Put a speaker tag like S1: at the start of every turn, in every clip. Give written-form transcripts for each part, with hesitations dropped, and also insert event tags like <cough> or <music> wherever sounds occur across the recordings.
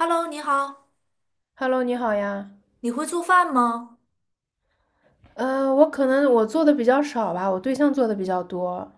S1: Hello，你好，
S2: Hello，你好呀。
S1: 你会做饭吗？
S2: 我可能我做的比较少吧，我对象做的比较多。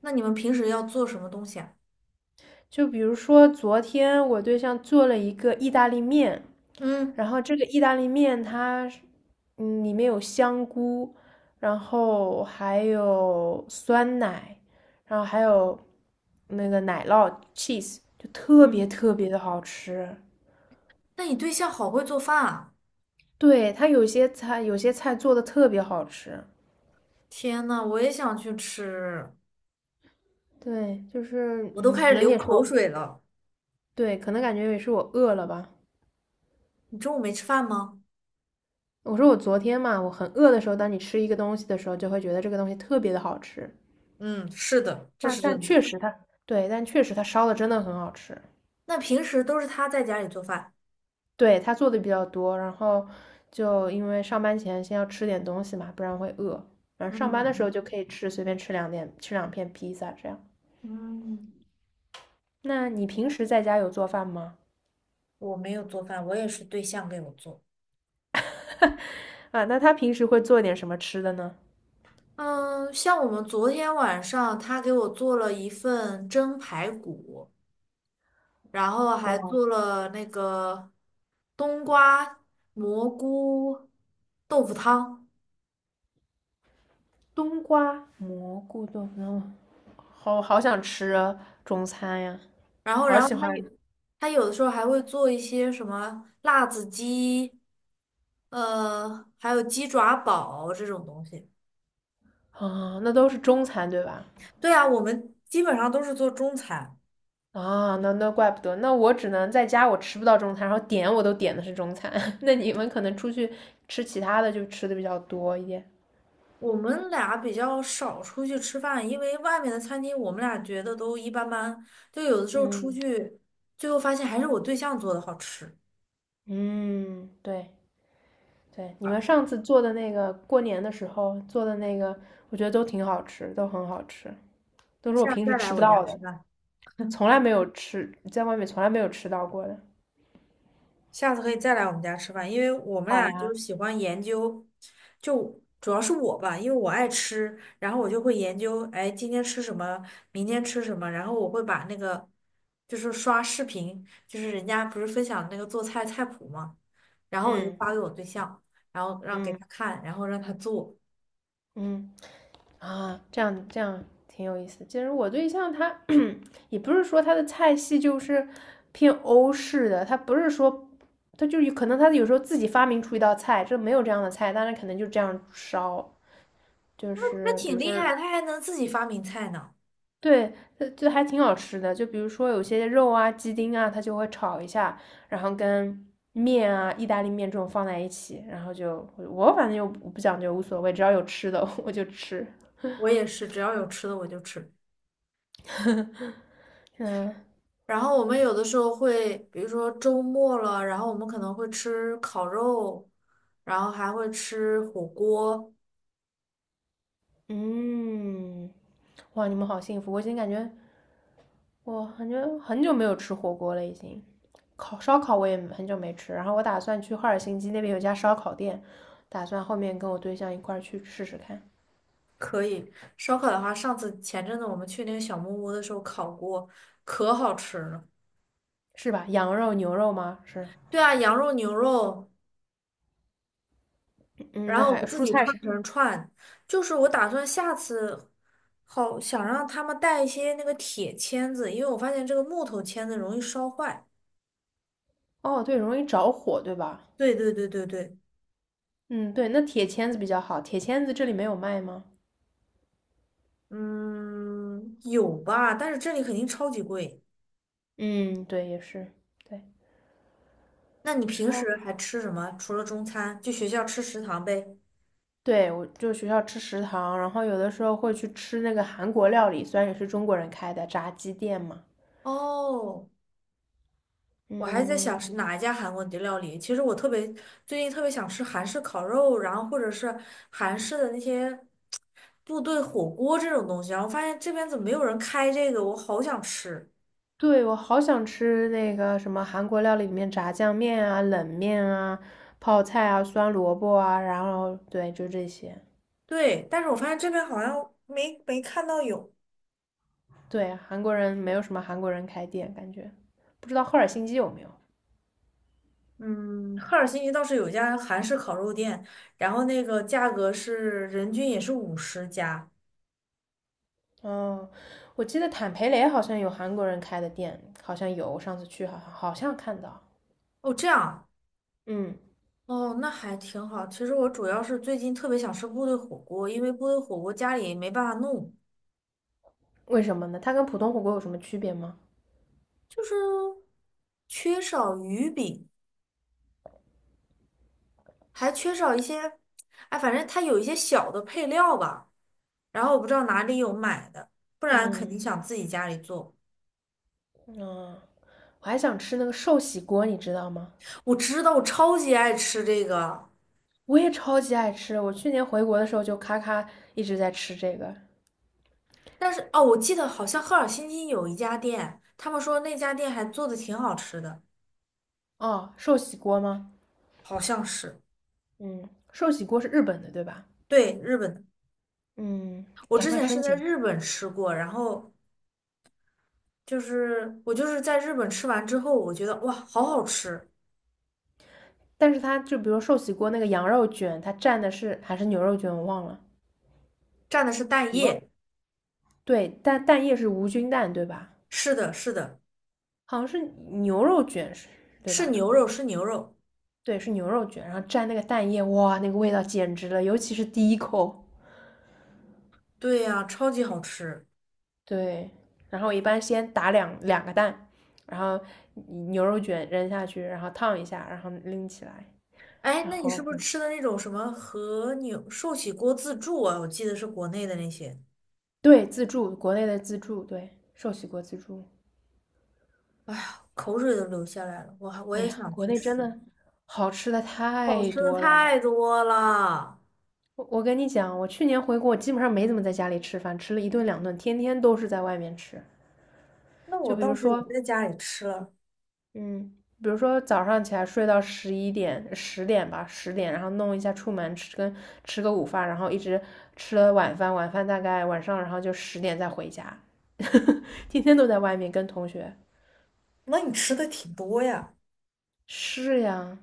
S1: 那你们平时要做什么东西啊？
S2: 就比如说昨天我对象做了一个意大利面，
S1: 嗯
S2: 然后这个意大利面它是里面有香菇，然后还有酸奶，然后还有那个奶酪 cheese，就特别
S1: 嗯，
S2: 特别的好吃。
S1: 那你对象好会做饭啊！
S2: 对，它有些菜做的特别好吃。
S1: 天呐，我也想去吃，
S2: 对，就是
S1: 我都开
S2: 可
S1: 始
S2: 能
S1: 流
S2: 也是
S1: 口
S2: 我。
S1: 水了。
S2: 对，可能感觉也是我饿了吧。
S1: 你中午没吃饭吗？
S2: 我说我昨天嘛，我很饿的时候，当你吃一个东西的时候，就会觉得这个东西特别的好吃。
S1: 嗯，是的，这
S2: 但
S1: 是真
S2: 但
S1: 的。
S2: 确实它，对，但确实它烧的真的很好吃。
S1: 那平时都是他在家里做饭。
S2: 对，它做的比较多，然后就因为上班前先要吃点东西嘛，不然会饿。然后上班的时候
S1: 嗯
S2: 就可以吃，随便吃两点，吃2片披萨这样。
S1: 嗯，
S2: 那你平时在家有做饭吗？
S1: 我没有做饭，我也是对象给我做。
S2: <laughs> 啊，那他平时会做点什么吃的呢？
S1: 嗯，像我们昨天晚上，他给我做了一份蒸排骨，然后还
S2: 哇，
S1: 做了那个冬瓜、蘑菇、豆腐汤。
S2: 冬瓜蘑菇炖，好好想吃啊中餐呀，
S1: 然后，
S2: 好
S1: 然后
S2: 喜
S1: 他
S2: 欢
S1: 有他有的时候还会做一些什么辣子鸡，还有鸡爪煲这种东西。
S2: 啊！那都是中餐对吧？
S1: 对啊，我们基本上都是做中餐。
S2: 啊，那怪不得，那我只能在家我吃不到中餐，然后点我都点的是中餐。<laughs> 那你们可能出去吃其他的就吃的比较多一点。
S1: 我们俩比较少出去吃饭，因为外面的餐厅我们俩觉得都一般般，就有的时候出
S2: 嗯
S1: 去，最后发现还是我对象做的好吃。
S2: 嗯，对对，你们
S1: 好
S2: 上次做的那个过年的时候做的那个，我觉得都挺好吃，都很好吃，都是我
S1: 下次
S2: 平时
S1: 再来
S2: 吃不
S1: 我家
S2: 到
S1: 吃
S2: 的，
S1: 饭。
S2: 从来没有吃，在外面从来没有吃到过的。
S1: 下次可以再来我们家吃饭，因为我们
S2: 好
S1: 俩就
S2: 呀，
S1: 是喜欢研究，就主要是我吧，因为我爱吃，然后我就会研究，哎，今天吃什么，明天吃什么，然后我会把那个，就是刷视频，就是人家不是分享那个做菜菜谱嘛，然后我就
S2: 嗯
S1: 发给我对象，然后让给他
S2: 嗯
S1: 看，然后让他做，
S2: 嗯。啊，这样挺有意思。其实我对象他也不是说他的菜系就是偏欧式的，他不是说他就有可能他有时候自己发明出一道菜，这没有这样的菜，但是可能就这样烧，就
S1: 他
S2: 是比
S1: 挺
S2: 如说
S1: 厉害，他还能自己发明菜呢。
S2: 对，就还挺好吃的。就比如说有些肉啊、鸡丁啊，他就会炒一下，然后跟面啊、意大利面这种放在一起，然后就我反正又不讲究，无所谓，只要有吃的 <laughs> 我就吃。
S1: 我也是，只要有吃的我就吃。
S2: <laughs> 呵嗯
S1: 然后我们有的时候会，比如说周末了，然后我们可能会吃烤肉，然后还会吃火锅。
S2: 嗯，哇，你们好幸福！我已经感觉，我感觉很久没有吃火锅了，已经。烤烧烤我也很久没吃，然后我打算去赫尔辛基那边有家烧烤店，打算后面跟我对象一块儿去试试看，
S1: 可以，烧烤的话，上次前阵子我们去那个小木屋的时候烤过，可好吃了。
S2: 是吧？羊肉、牛肉吗？是，
S1: 对啊，羊肉、牛肉，
S2: 嗯，
S1: 然
S2: 那
S1: 后我
S2: 还有
S1: 们自
S2: 蔬
S1: 己
S2: 菜
S1: 串
S2: 是，
S1: 成串。就是我打算下次好想让他们带一些那个铁签子，因为我发现这个木头签子容易烧坏。
S2: 哦，对，容易着火，对吧？
S1: 对对对对对。
S2: 嗯，对，那铁签子比较好，铁签子这里没有卖吗？
S1: 嗯，有吧，但是这里肯定超级贵。
S2: 嗯，对，也是，对，
S1: 那你平时
S2: 烧。
S1: 还吃什么？除了中餐，就学校吃食堂呗。
S2: 对，我就学校吃食堂，然后有的时候会去吃那个韩国料理，虽然也是中国人开的炸鸡店嘛。
S1: 哦，我还在想
S2: 嗯，
S1: 是哪一家韩国的料理。其实我特别最近特别想吃韩式烤肉，然后或者是韩式的那些部队火锅这种东西。然后发现这边怎么没有人开这个，我好想吃。
S2: 对，我好想吃那个什么韩国料理里面炸酱面啊、冷面啊、泡菜啊、酸萝卜啊，然后对，就这些。
S1: 对，但是我发现这边好像没没看到有。
S2: 对，韩国人没有什么韩国人开店，感觉不知道赫尔辛基有没有。
S1: 嗯，赫尔辛基倒是有一家韩式烤肉店，然后那个价格是人均也是50加。
S2: 哦，我记得坦培雷好像有韩国人开的店，好像有，我上次去好像看到。
S1: 哦，这样啊，
S2: 嗯，
S1: 哦，那还挺好。其实我主要是最近特别想吃部队火锅，因为部队火锅家里没办法弄，
S2: 为什么呢？它跟普通火锅有什么区别吗？
S1: 就是缺少鱼饼，还缺少一些，哎，反正它有一些小的配料吧。然后我不知道哪里有买的，不然肯定
S2: 嗯，
S1: 想自己家里做。
S2: 啊，我还想吃那个寿喜锅，你知道吗？
S1: 我知道，我超级爱吃这个。
S2: 我也超级爱吃，我去年回国的时候就咔咔一直在吃这个。
S1: 但是哦，我记得好像赫尔辛基有一家店，他们说那家店还做的挺好吃的，
S2: 哦，寿喜锅吗？
S1: 好像是，
S2: 嗯，寿喜锅是日本的，对吧？
S1: 对，日本的。
S2: 嗯，
S1: 我
S2: 赶
S1: 之
S2: 快
S1: 前是
S2: 申
S1: 在
S2: 请。
S1: 日本吃过，然后就是我就是在日本吃完之后，我觉得哇，好好吃，
S2: 但是它就比如寿喜锅那个羊肉卷，它蘸的是还是牛肉卷，我忘了。
S1: 蘸的是蛋液，
S2: 对，但蛋液是无菌蛋，对吧？
S1: 是的，是的，
S2: 好像是牛肉卷是，对
S1: 是
S2: 吧？
S1: 牛肉，是牛肉，
S2: 对，是牛肉卷，然后蘸那个蛋液，哇，那个味道简直了，尤其是第一口。
S1: 对呀，超级好吃。
S2: 对，然后一般先打两个蛋，然后牛肉卷扔下去，然后烫一下，然后拎起来，
S1: 哎，
S2: 然
S1: 那你是
S2: 后
S1: 不是吃的那种什么和牛寿喜锅自助啊？我记得是国内的那些，
S2: 对自助，国内的自助，对，寿喜锅自助。
S1: 口水都流下来了，我还我
S2: 哎
S1: 也
S2: 呀，
S1: 想
S2: 国
S1: 去
S2: 内真
S1: 吃。
S2: 的好吃的
S1: 好
S2: 太
S1: 吃的
S2: 多了。
S1: 太多了。
S2: 我跟你讲，我去年回国，我基本上没怎么在家里吃饭，吃了一顿两顿，天天都是在外面吃。
S1: 那我
S2: 就比
S1: 倒
S2: 如
S1: 是也
S2: 说，
S1: 在家里吃了，
S2: 嗯，比如说早上起来睡到11点、十点吧，十点，然后弄一下出门吃跟吃个午饭，然后一直吃了晚饭，晚饭大概晚上，然后就十点再回家，<laughs> 天天都在外面跟同学。
S1: 那你吃的挺多呀。
S2: 是呀，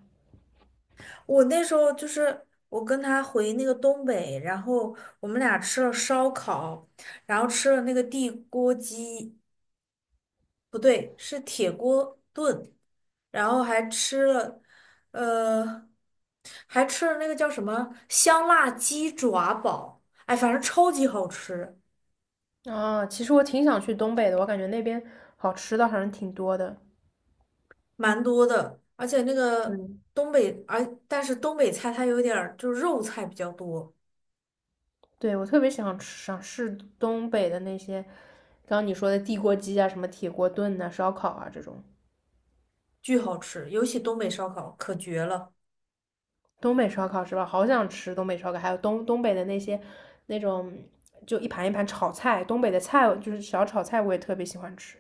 S1: 我那时候就是我跟他回那个东北，然后我们俩吃了烧烤，然后吃了那个地锅鸡，不对，是铁锅炖，然后还吃了，呃，还吃了那个叫什么香辣鸡爪煲，哎，反正超级好吃。
S2: 啊，其实我挺想去东北的，我感觉那边好吃的好像挺多的。
S1: 蛮多的，而且那个
S2: 嗯，
S1: 东北，而但是东北菜它有点儿就是肉菜比较多，
S2: 对，我特别想吃想试东北的那些，刚刚你说的地锅鸡啊，什么铁锅炖呐、烧烤啊这种。
S1: 巨好吃，尤其东北烧烤可绝了。
S2: 东北烧烤是吧？好想吃东北烧烤，还有东北的那些那种就一盘一盘炒菜，东北的菜就是小炒菜，我也特别喜欢吃。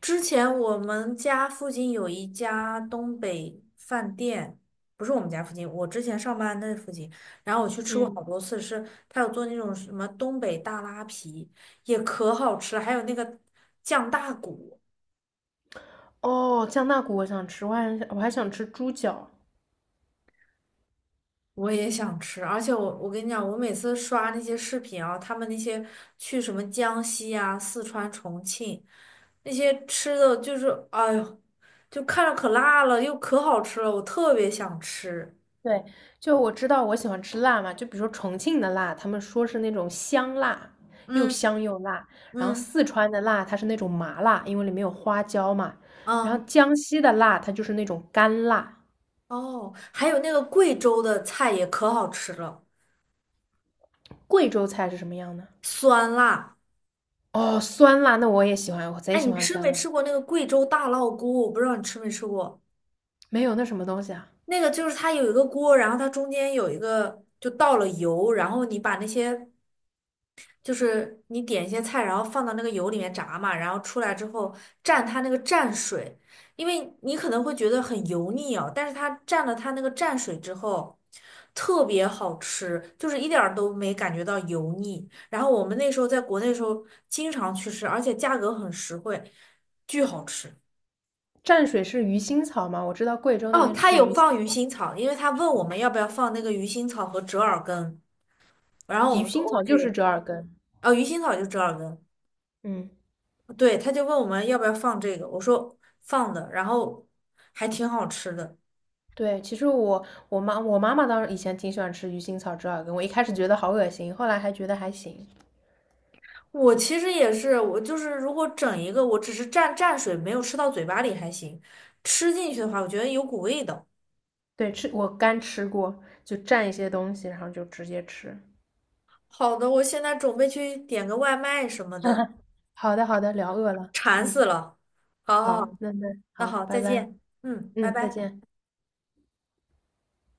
S1: 之前我们家附近有一家东北饭店，不是我们家附近，我之前上班那附近，然后我去吃过好
S2: 嗯，
S1: 多次，是他有做那种什么东北大拉皮，也可好吃了还有那个酱大骨。
S2: 哦，酱大骨我想吃，我还想吃猪脚。
S1: 我也想吃，而且我我跟你讲，我每次刷那些视频啊，他们那些去什么江西啊、四川、重庆那些吃的，就是哎呦，就看着可辣了，又可好吃了，我特别想吃。
S2: 对，就我知道我喜欢吃辣嘛，就比如说重庆的辣，他们说是那种香辣，又
S1: 嗯
S2: 香又辣。然后
S1: 嗯
S2: 四川的辣，它是那种麻辣，因为里面有花椒嘛。然后
S1: 嗯，
S2: 江西的辣，它就是那种干辣。
S1: 哦，还有那个贵州的菜也可好吃了，
S2: 贵州菜是什么样呢？
S1: 酸辣。
S2: 哦，酸辣，那我也喜欢，我贼
S1: 哎，
S2: 喜
S1: 你
S2: 欢
S1: 吃
S2: 酸
S1: 没
S2: 辣。
S1: 吃过那个贵州大烙锅？我不知道你吃没吃过。
S2: 没有那什么东西啊？
S1: 那个就是它有一个锅，然后它中间有一个就倒了油，然后你把那些就是你点一些菜，然后放到那个油里面炸嘛，然后出来之后蘸它那个蘸水，因为你可能会觉得很油腻哦，但是它蘸了它那个蘸水之后，特别好吃，就是一点儿都没感觉到油腻。然后我们那时候在国内的时候经常去吃，而且价格很实惠，巨好吃。
S2: 蘸水是鱼腥草吗？我知道贵州那
S1: 哦，
S2: 边
S1: 他
S2: 吃
S1: 有
S2: 鱼腥
S1: 放鱼
S2: 草，
S1: 腥草，因为他问我们要不要放那个鱼腥草和折耳根，然后
S2: 鱼
S1: 我们说
S2: 腥草就是
S1: OK，
S2: 折耳根。
S1: 哦，鱼腥草就折耳根。
S2: 嗯，
S1: 对，他就问我们要不要放这个，我说放的，然后还挺好吃的。
S2: 对，其实我妈妈当时以前挺喜欢吃鱼腥草折耳根，我一开始觉得好恶心，后来还觉得还行。
S1: 我其实也是，我就是如果整一个，我只是蘸蘸水，没有吃到嘴巴里还行，吃进去的话，我觉得有股味道。
S2: 对，吃我干吃过，就蘸一些东西，然后就直接吃。
S1: 好的，我现在准备去点个外卖什么的，
S2: <laughs> 好的，好的，聊饿了。
S1: 馋死
S2: 嗯，
S1: 了。好好好，
S2: 好，那
S1: 那
S2: 好，
S1: 好，
S2: 拜
S1: 再
S2: 拜。
S1: 见。嗯，拜
S2: 嗯，再
S1: 拜。
S2: 见。